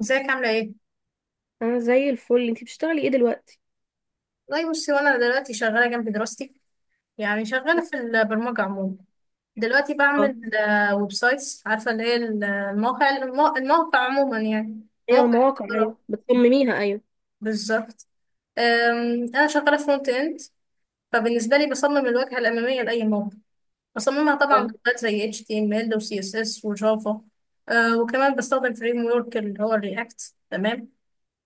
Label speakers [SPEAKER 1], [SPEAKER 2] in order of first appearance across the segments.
[SPEAKER 1] ازيك عاملة ايه؟
[SPEAKER 2] انا زي الفل. انتي بتشتغلي ايه دلوقتي؟
[SPEAKER 1] والله بصي، وانا دلوقتي شغالة جنب دراستي. يعني شغالة في البرمجة عموما. دلوقتي
[SPEAKER 2] اه.
[SPEAKER 1] بعمل ويب سايتس، عارفة اللي هي الموقع عموما، يعني
[SPEAKER 2] ايوه،
[SPEAKER 1] موقع
[SPEAKER 2] المواقع، ايوه
[SPEAKER 1] اختراع.
[SPEAKER 2] بتصمميها، ايوه.
[SPEAKER 1] بالظبط. أنا شغالة فرونت إند. فبالنسبة لي بصمم الواجهة الأمامية لأي موقع. بصممها طبعا
[SPEAKER 2] آه.
[SPEAKER 1] بلغات زي HTML و CSS وجافا. وكمان بستخدم فريم ورك اللي هو الرياكت، تمام.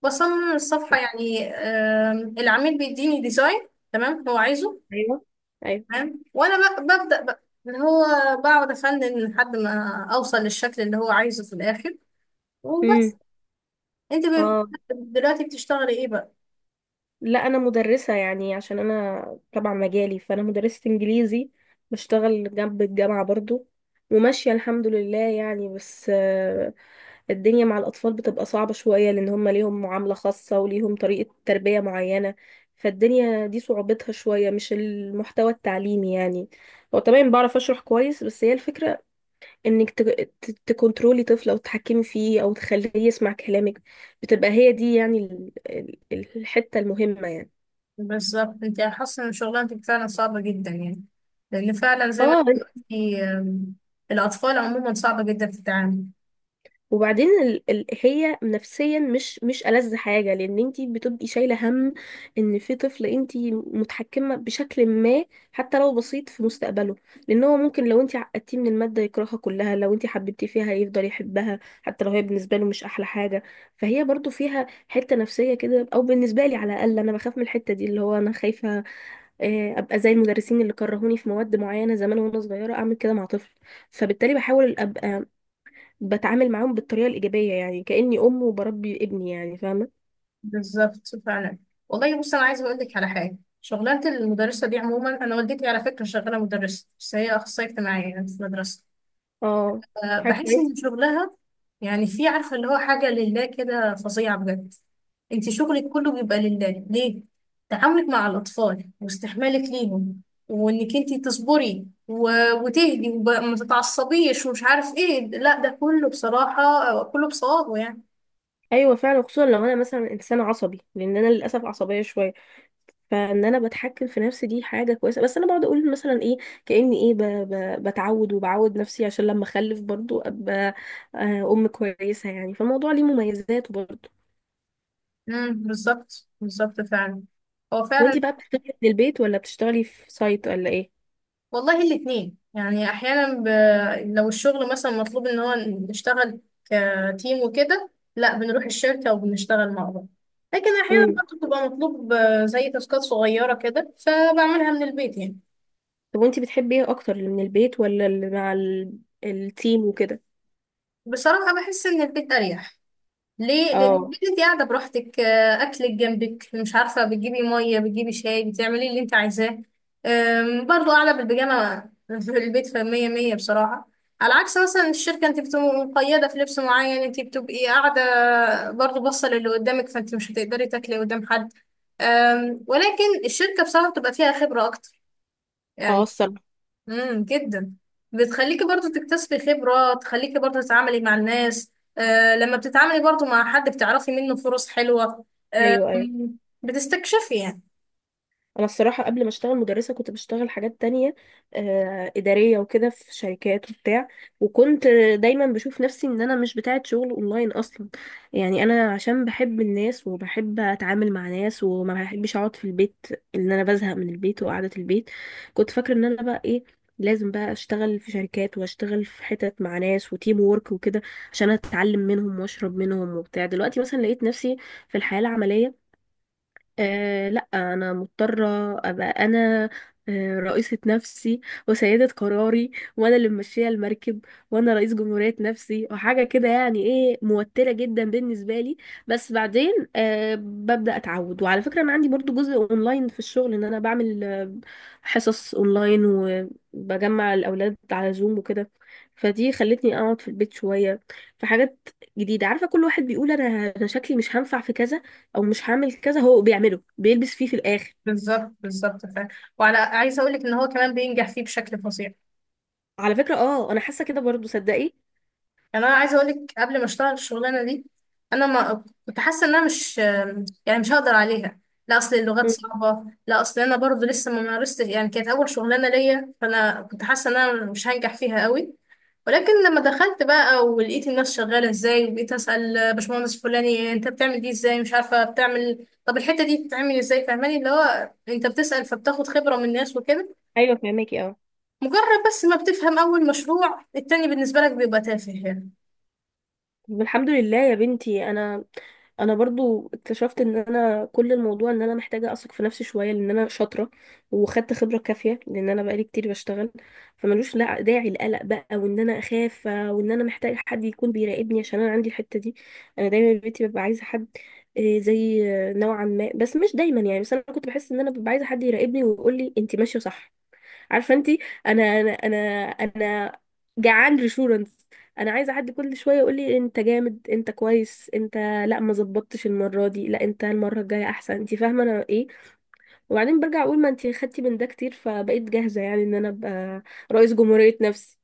[SPEAKER 1] بصمم الصفحة يعني، العميل بيديني ديزاين تمام هو عايزه.
[SPEAKER 2] ايوه، ايوه.
[SPEAKER 1] تمام وأنا ببدأ بقى اللي هو، بقعد أفنن لحد ما أوصل للشكل اللي هو عايزه في الآخر.
[SPEAKER 2] امم.
[SPEAKER 1] وبس. أنت ب-
[SPEAKER 2] اه.
[SPEAKER 1] دلوقتي بتشتغلي إيه بقى؟
[SPEAKER 2] لا، انا مدرسه يعني عشان انا تبع مجالي، فانا مدرسه انجليزي، بشتغل جنب الجامعه برضو. وماشيه الحمد لله يعني، بس الدنيا مع الاطفال بتبقى صعبه شويه لان هم ليهم معامله خاصه وليهم طريقه تربيه معينه. فالدنيا دي صعوبتها شويه، مش المحتوى التعليمي يعني. هو تمام، بعرف اشرح كويس، بس هي الفكره انك تكنترولي طفل، او تتحكمي فيه، او تخليه يسمع كلامك. بتبقى هي دي يعني الحتة المهمة يعني.
[SPEAKER 1] بالظبط، أنت حاسة إن شغلانتك فعلا صعبة جدا يعني. لأن فعلا زي ما
[SPEAKER 2] اه.
[SPEAKER 1] أنت قلتي، الأطفال عموما صعبة جدا في التعامل.
[SPEAKER 2] وبعدين هي نفسيا مش ألذ حاجة، لأن انتي بتبقي شايلة هم إن في طفل انتي متحكمة بشكل ما، حتى لو بسيط، في مستقبله. لأن هو ممكن لو انتي عقدتيه من المادة يكرهها كلها، لو انتي حببتيه فيها يفضل يحبها حتى لو هي بالنسبة له مش أحلى حاجة. فهي برضو فيها حتة نفسية كده، أو بالنسبة لي على الأقل، أنا بخاف من الحتة دي، اللي هو أنا خايفة أبقى زي المدرسين اللي كرهوني في مواد معينة زمان وأنا صغيرة، أعمل كده مع طفل. فبالتالي بحاول ابقى بتعامل معاهم بالطريقة الإيجابية، يعني كأني أم وبربي ابني، يعني فاهمة.
[SPEAKER 1] بالظبط فعلا. والله بص، انا عايزه اقول لك على حاجه، شغلانه المدرسه دي عموما، انا والدتي على فكره شغاله مدرسه، بس هي اخصائيه اجتماعيه يعني في مدرسه.
[SPEAKER 2] اه، حاجة
[SPEAKER 1] بحس
[SPEAKER 2] كويسة.
[SPEAKER 1] ان شغلها يعني، في عارفه اللي هو حاجه لله كده، فظيعه بجد. انت شغلك كله بيبقى لله، ليه؟ تعاملك مع الاطفال، واستحمالك ليهم، وانك انت تصبري وتهدي، وما تتعصبيش، ومش عارف ايه، لا ده كله بصراحه، كله بصوابه يعني.
[SPEAKER 2] أيوة فعلا، خصوصا لو أنا مثلا إنسان عصبي، لأن أنا للأسف عصبية شوية. فإن أنا بتحكم في نفسي دي حاجة كويسة، بس أنا بقعد أقول مثلا إيه، كأني إيه بتعود وبعود نفسي، عشان لما أخلف برضو أبقى أم كويسة يعني، فالموضوع ليه مميزات برضو.
[SPEAKER 1] امم، بالظبط بالظبط فعلا. هو فعلا.
[SPEAKER 2] وأنتي بقى بتشتغلي من البيت ولا بتشتغلي في سايت ولا إيه؟
[SPEAKER 1] والله الاتنين يعني، احيانا لو الشغل مثلا مطلوب ان هو نشتغل كتيم وكده، لا بنروح الشركة وبنشتغل مع بعض. لكن احيانا
[SPEAKER 2] امم.
[SPEAKER 1] برضه بتبقى مطلوب زي تاسكات صغيرة كده، فبعملها من البيت يعني.
[SPEAKER 2] طب وأنتي بتحبي إيه أكتر، اللي من البيت ولا اللي مع التيم وكده؟
[SPEAKER 1] بصراحة بحس ان البيت اريح. ليه؟ لان
[SPEAKER 2] اه.
[SPEAKER 1] البيت انت قاعده براحتك، اكلك جنبك، مش عارفه بتجيبي ميه، بتجيبي شاي، بتعملي اللي انت عايزاه. برضو قاعده بالبيجامه في البيت، فمية مية بصراحه. على عكس مثلا الشركه، انت بتبقي مقيده في لبس معين، انت بتبقي قاعده برضو باصه للي قدامك، فانت مش هتقدري تاكلي قدام حد. ولكن الشركه بصراحه بتبقى فيها خبره اكتر
[SPEAKER 2] اه،
[SPEAKER 1] يعني.
[SPEAKER 2] الصراحة.
[SPEAKER 1] جدا. بتخليكي برضو تكتسبي خبرة، تخليكي برضو تتعاملي مع الناس. آه، لما بتتعاملي برضو مع حد بتعرفي منه فرص حلوة. آه.
[SPEAKER 2] ايوه، ايوه.
[SPEAKER 1] بتستكشفي يعني.
[SPEAKER 2] انا الصراحة قبل ما اشتغل مدرسة كنت بشتغل حاجات تانية، ادارية وكده في شركات وبتاع. وكنت دايما بشوف نفسي ان انا مش بتاعة شغل اونلاين اصلا، يعني انا عشان بحب الناس وبحب اتعامل مع ناس وما بحبش اقعد في البيت، ان انا بزهق من البيت وقعدة البيت. كنت فاكرة ان انا بقى ايه، لازم بقى اشتغل في شركات واشتغل في حتت مع ناس وتيم وورك وكده عشان اتعلم منهم واشرب منهم وبتاع. دلوقتي مثلا لقيت نفسي في الحياة العملية، لا انا مضطره ابقى انا رئيسه نفسي، وسيده قراري، وانا اللي ماشيه المركب، وانا رئيس جمهوريه نفسي وحاجه كده، يعني ايه، موتره جدا بالنسبه لي. بس بعدين ببدا اتعود. وعلى فكره، انا عندي برضو جزء اونلاين في الشغل، ان انا بعمل حصص اونلاين، وبجمع الاولاد على زوم وكده. فدي خلتني اقعد في البيت شويه، في حاجات جديده. عارفه كل واحد بيقول انا شكلي مش هنفع في كذا، او مش هعمل كذا، هو بيعمله بيلبس فيه في الاخر.
[SPEAKER 1] بالظبط بالظبط فعلا. وعلى عايزه اقول لك ان هو كمان بينجح فيه بشكل فظيع.
[SPEAKER 2] على فكره، انا حاسه كده برضو، صدقي.
[SPEAKER 1] يعني انا عايزه اقول لك، قبل ما اشتغل الشغلانه دي، انا ما كنت حاسه ان انا مش، يعني مش هقدر عليها. لا اصل اللغات
[SPEAKER 2] مم.
[SPEAKER 1] صعبه، لا اصل انا برضو لسه ما مارستش، يعني كانت اول شغلانه ليا، فانا كنت حاسه ان انا مش هنجح فيها قوي. ولكن لما دخلت بقى ولقيت الناس شغاله ازاي، وبقيت اسال باشمهندس فلاني انت بتعمل دي ازاي، مش عارفه بتعمل، طب الحته دي بتتعمل ازاي، فاهماني اللي هو انت بتسال فبتاخد خبره من الناس وكده.
[SPEAKER 2] ايوه فهماكي، اه.
[SPEAKER 1] مجرد بس ما بتفهم اول مشروع، التاني بالنسبه لك بيبقى تافه يعني.
[SPEAKER 2] طب الحمد لله يا بنتي، انا برضو اكتشفت ان انا كل الموضوع ان انا محتاجه اثق في نفسي شويه، لان انا شاطره، وخدت خبره كافيه، لان انا بقالي كتير بشتغل. فملوش لا داعي القلق بقى، وان انا اخاف وان انا محتاجه حد يكون بيراقبني، عشان انا عندي الحته دي. انا دايما بيتي ببقى عايزه حد زي نوعا ما، بس مش دايما يعني. بس انا كنت بحس ان انا ببقى عايزه حد يراقبني ويقول لي انت ماشيه صح، عارفه انت. انا انا انا جعان ريشورنس. انا عايزه حد كل شويه يقول لي انت جامد، انت كويس، انت. لا، ما ظبطتش المره دي، لا انت المره الجايه احسن، انت فاهمه انا ايه. وبعدين برجع اقول ما انت خدتي من ده كتير، فبقيت جاهزه، يعني ان انا ابقى رئيس جمهوريه نفسي.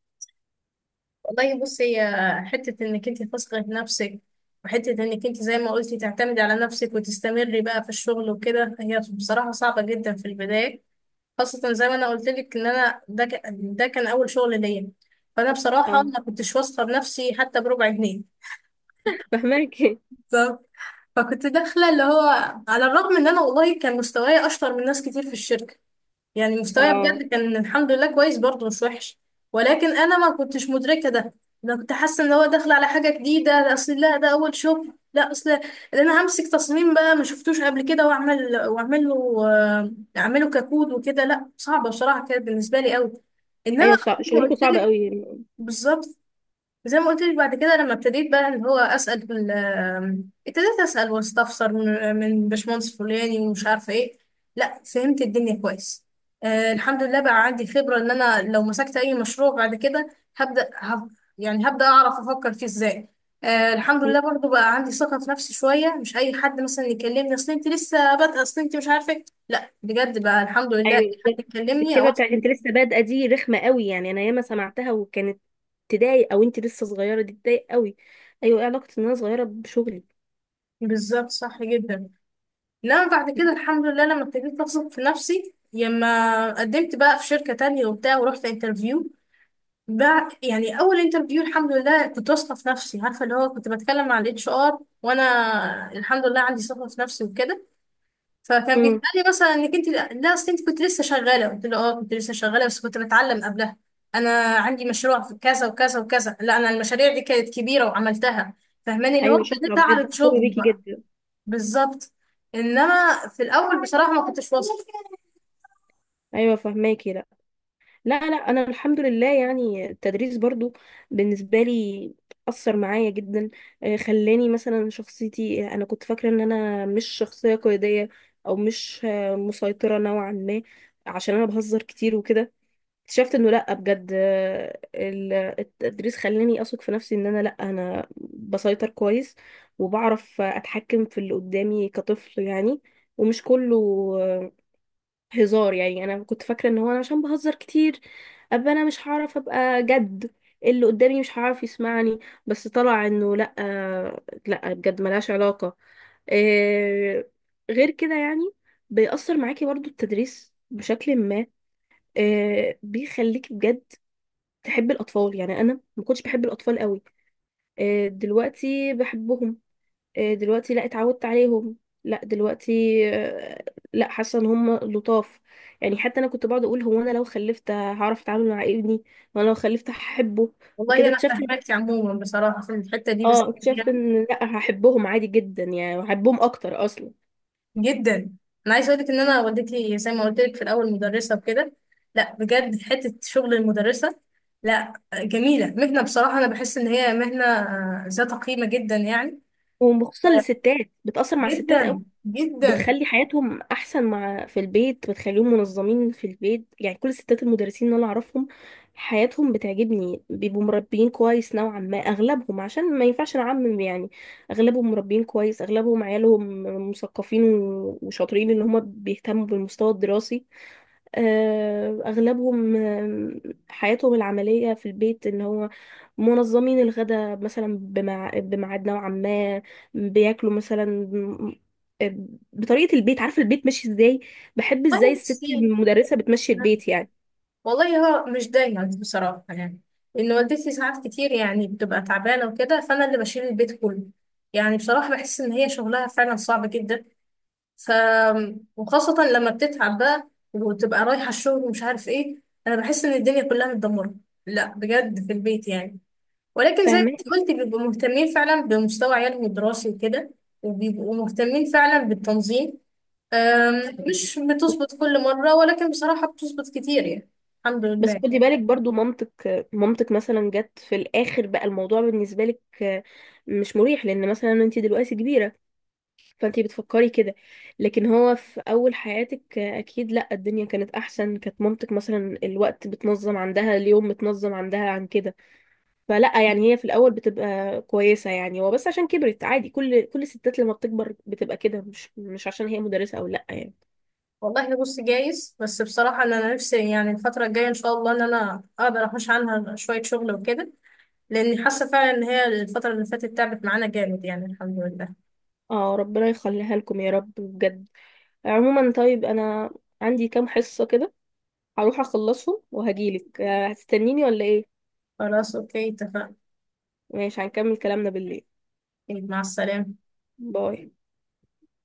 [SPEAKER 1] والله بصي، هي حتة انك انت تثقي في نفسك، وحتة انك انت زي ما قلتي تعتمدي على نفسك وتستمري بقى في الشغل وكده، هي بصراحة صعبة جدا في البداية. خاصة زي ما انا قلت لك ان انا ده، ده كان اول شغل ليا. فانا بصراحة
[SPEAKER 2] اه
[SPEAKER 1] ما كنتش واثقة بنفسي حتى بربع جنيه.
[SPEAKER 2] فاهماكي،
[SPEAKER 1] ف- فكنت داخلة اللي هو، على الرغم ان انا والله كان مستواي اشطر من ناس كتير في الشركة. يعني مستواي
[SPEAKER 2] اه.
[SPEAKER 1] بجد كان الحمد لله كويس، برضه مش وحش. ولكن انا ما كنتش مدركه ده. انا كنت حاسه ان هو داخل على حاجه جديده، ده اصل لا ده اول شغل، لا اصل ده، انا همسك تصميم بقى ما شفتوش قبل كده واعمل، واعمل له اعمله ككود وكده، لا صعبه بصراحه كانت بالنسبه لي قوي. انما
[SPEAKER 2] ايوه
[SPEAKER 1] زي ما
[SPEAKER 2] شغلكم
[SPEAKER 1] قلت
[SPEAKER 2] صعب
[SPEAKER 1] لك،
[SPEAKER 2] قوي.
[SPEAKER 1] بالظبط. زي ما قلت لك، بعد كده لما ابتديت بقى اللي هو اسال في ابتديت اسال واستفسر من باشمهندس فلاني ومش عارفه ايه، لا فهمت الدنيا كويس. آه، الحمد لله بقى عندي خبره، ان انا لو مسكت اي مشروع بعد كده، هبدا هب يعني هبدا اعرف افكر فيه ازاي. آه، الحمد لله برضو بقى عندي ثقه في نفسي شويه، مش اي حد مثلا يكلمني اصل انت لسه بادئه، اصل انت مش عارفه إيه". لا بجد بقى الحمد لله، أي
[SPEAKER 2] ايوه
[SPEAKER 1] حد
[SPEAKER 2] بالظبط.
[SPEAKER 1] يكلمني
[SPEAKER 2] الكلمه
[SPEAKER 1] او
[SPEAKER 2] بتاعت انت لسه بادئه دي رخمه قوي، يعني انا ياما سمعتها، وكانت تضايق، او انت لسه صغيره دي تضايق قوي. ايوه، ايه علاقه ان انا صغيره بشغلي.
[SPEAKER 1] بالظبط، صح جدا. لا بعد كده الحمد لله، لما ابتديت اثق في نفسي، لما قدمت بقى في شركة تانية وبتاع ورحت انترفيو. بقى يعني اول انترفيو الحمد لله كنت واثقة في نفسي، عارفة اللي هو كنت بتكلم مع الاتش ار وانا الحمد لله عندي ثقة في نفسي وكده. فكان
[SPEAKER 2] امم.
[SPEAKER 1] بيتقال لي مثلا انك انت، لا اصل انت كنت لسه شغالة. قلت له اه كنت لسه شغالة بس كنت بتعلم قبلها، انا عندي مشروع في كذا وكذا وكذا. لا انا المشاريع دي كانت كبيرة وعملتها. فاهماني اللي هو
[SPEAKER 2] ايوه شكرا
[SPEAKER 1] ابتديت
[SPEAKER 2] بجد،
[SPEAKER 1] اعرض
[SPEAKER 2] فخوره
[SPEAKER 1] شغلي.
[SPEAKER 2] بيكي جدا.
[SPEAKER 1] بالظبط. انما في الاول بصراحه ما كنتش واثقه.
[SPEAKER 2] ايوه فهماكي، لا، لا، لا، انا الحمد لله يعني التدريس برضو بالنسبه لي اثر معايا جدا. خلاني مثلا شخصيتي، انا كنت فاكره ان انا مش شخصيه قياديه، او مش مسيطره نوعا ما، عشان انا بهزر كتير وكده. اكتشفت انه لا، بجد التدريس خلاني اثق في نفسي، ان انا لا انا بسيطر كويس وبعرف اتحكم في اللي قدامي كطفل يعني. ومش كله آه، هزار يعني. انا كنت فاكره ان هو انا عشان بهزر كتير ابقى انا مش هعرف ابقى جد، اللي قدامي مش هعرف يسمعني. بس طلع انه لا، لا بجد ملهاش علاقه، آه، غير كده يعني. بيأثر معاكي برضو التدريس بشكل ما، بيخليكي بجد تحب الأطفال، يعني أنا ما كنتش بحب الأطفال قوي. دلوقتي بحبهم. دلوقتي لا اتعودت عليهم. لا دلوقتي آه، لا، حاسة ان هم لطاف يعني. حتى أنا كنت بقعد أقول هو أنا لو خلفت هعرف أتعامل مع ابني، وأنا لو خلفت هحبه
[SPEAKER 1] والله
[SPEAKER 2] وكده.
[SPEAKER 1] انا
[SPEAKER 2] اكتشفت،
[SPEAKER 1] فاهماكي. عموما بصراحه في الحته دي بس،
[SPEAKER 2] اه اكتشفت
[SPEAKER 1] يعني
[SPEAKER 2] ان لا، هحبهم عادي جدا يعني، وهحبهم اكتر اصلا.
[SPEAKER 1] جدا، انا عايزه اقول لك ان انا والدتي زي ما قلت لك في الاول مدرسه وكده. لا بجد حته شغل المدرسه، لا جميله مهنه بصراحه، انا بحس ان هي مهنه ذات قيمه جدا يعني.
[SPEAKER 2] وخصوصا الستات بتأثر مع الستات،
[SPEAKER 1] جدا جدا.
[SPEAKER 2] بتخلي حياتهم احسن مع في البيت، بتخليهم منظمين في البيت، يعني كل الستات المدرسين اللي انا اعرفهم حياتهم بتعجبني، بيبقوا مربيين كويس نوعا ما اغلبهم، عشان ما ينفعش نعمم يعني. اغلبهم مربيين كويس، اغلبهم عيالهم مثقفين وشاطرين، ان هم بيهتموا بالمستوى الدراسي. اغلبهم حياتهم العمليه في البيت ان هو منظمين الغداء مثلا بميعاد نوعا ما، بياكلوا مثلا بطريقه البيت، عارفه البيت ماشي ازاي، بحب
[SPEAKER 1] طيب
[SPEAKER 2] ازاي الست
[SPEAKER 1] بصي،
[SPEAKER 2] المدرسه بتمشي البيت يعني.
[SPEAKER 1] والله هو مش دايما بصراحة يعني. لأن والدتي ساعات كتير يعني بتبقى تعبانة وكده، فأنا اللي بشيل البيت كله. يعني بصراحة بحس إن هي شغلها فعلا صعب جدا. ف وخاصة لما بتتعب بقى، وتبقى رايحة الشغل ومش عارف إيه، أنا بحس إن الدنيا كلها متدمرة، لا بجد في البيت يعني. ولكن زي ما
[SPEAKER 2] فاهمه.
[SPEAKER 1] انت قلت بيبقوا مهتمين فعلا بمستوى عيالهم الدراسي وكده. وبيبقوا مهتمين فعلا بالتنظيم. مش بتظبط كل مرة، ولكن بصراحة بتظبط كتير يعني، الحمد
[SPEAKER 2] بس
[SPEAKER 1] لله.
[SPEAKER 2] خدي بالك برضو، مامتك مامتك مثلا جت في الاخر، بقى الموضوع بالنسبه لك مش مريح، لان مثلا انت دلوقتي كبيره فانتي بتفكري كده. لكن هو في اول حياتك اكيد لا، الدنيا كانت احسن، كانت مامتك مثلا الوقت بتنظم عندها، اليوم متنظم عندها عن كده. فلا يعني هي في الاول بتبقى كويسة، يعني هو بس عشان كبرت، عادي كل الستات لما بتكبر بتبقى كده، مش عشان هي مدرسة او لا يعني.
[SPEAKER 1] والله بص، جايز، بس بصراحة إن أنا نفسي يعني الفترة الجاية إن شاء الله إن أنا أقدر أحوش عنها شوية شغل وكده. لأني حاسة فعلا إن هي الفترة اللي فاتت تعبت معانا جامد يعني، الحمد لله.
[SPEAKER 2] اه، ربنا يخليها لكم يا رب بجد. عموما طيب، انا عندي كام حصة كده، هروح اخلصهم وهجيلك. هتستنيني ولا ايه؟
[SPEAKER 1] خلاص أوكي اتفقنا.
[SPEAKER 2] ماشي، هنكمل كلامنا بالليل.
[SPEAKER 1] طيب، مع السلامة.
[SPEAKER 2] باي.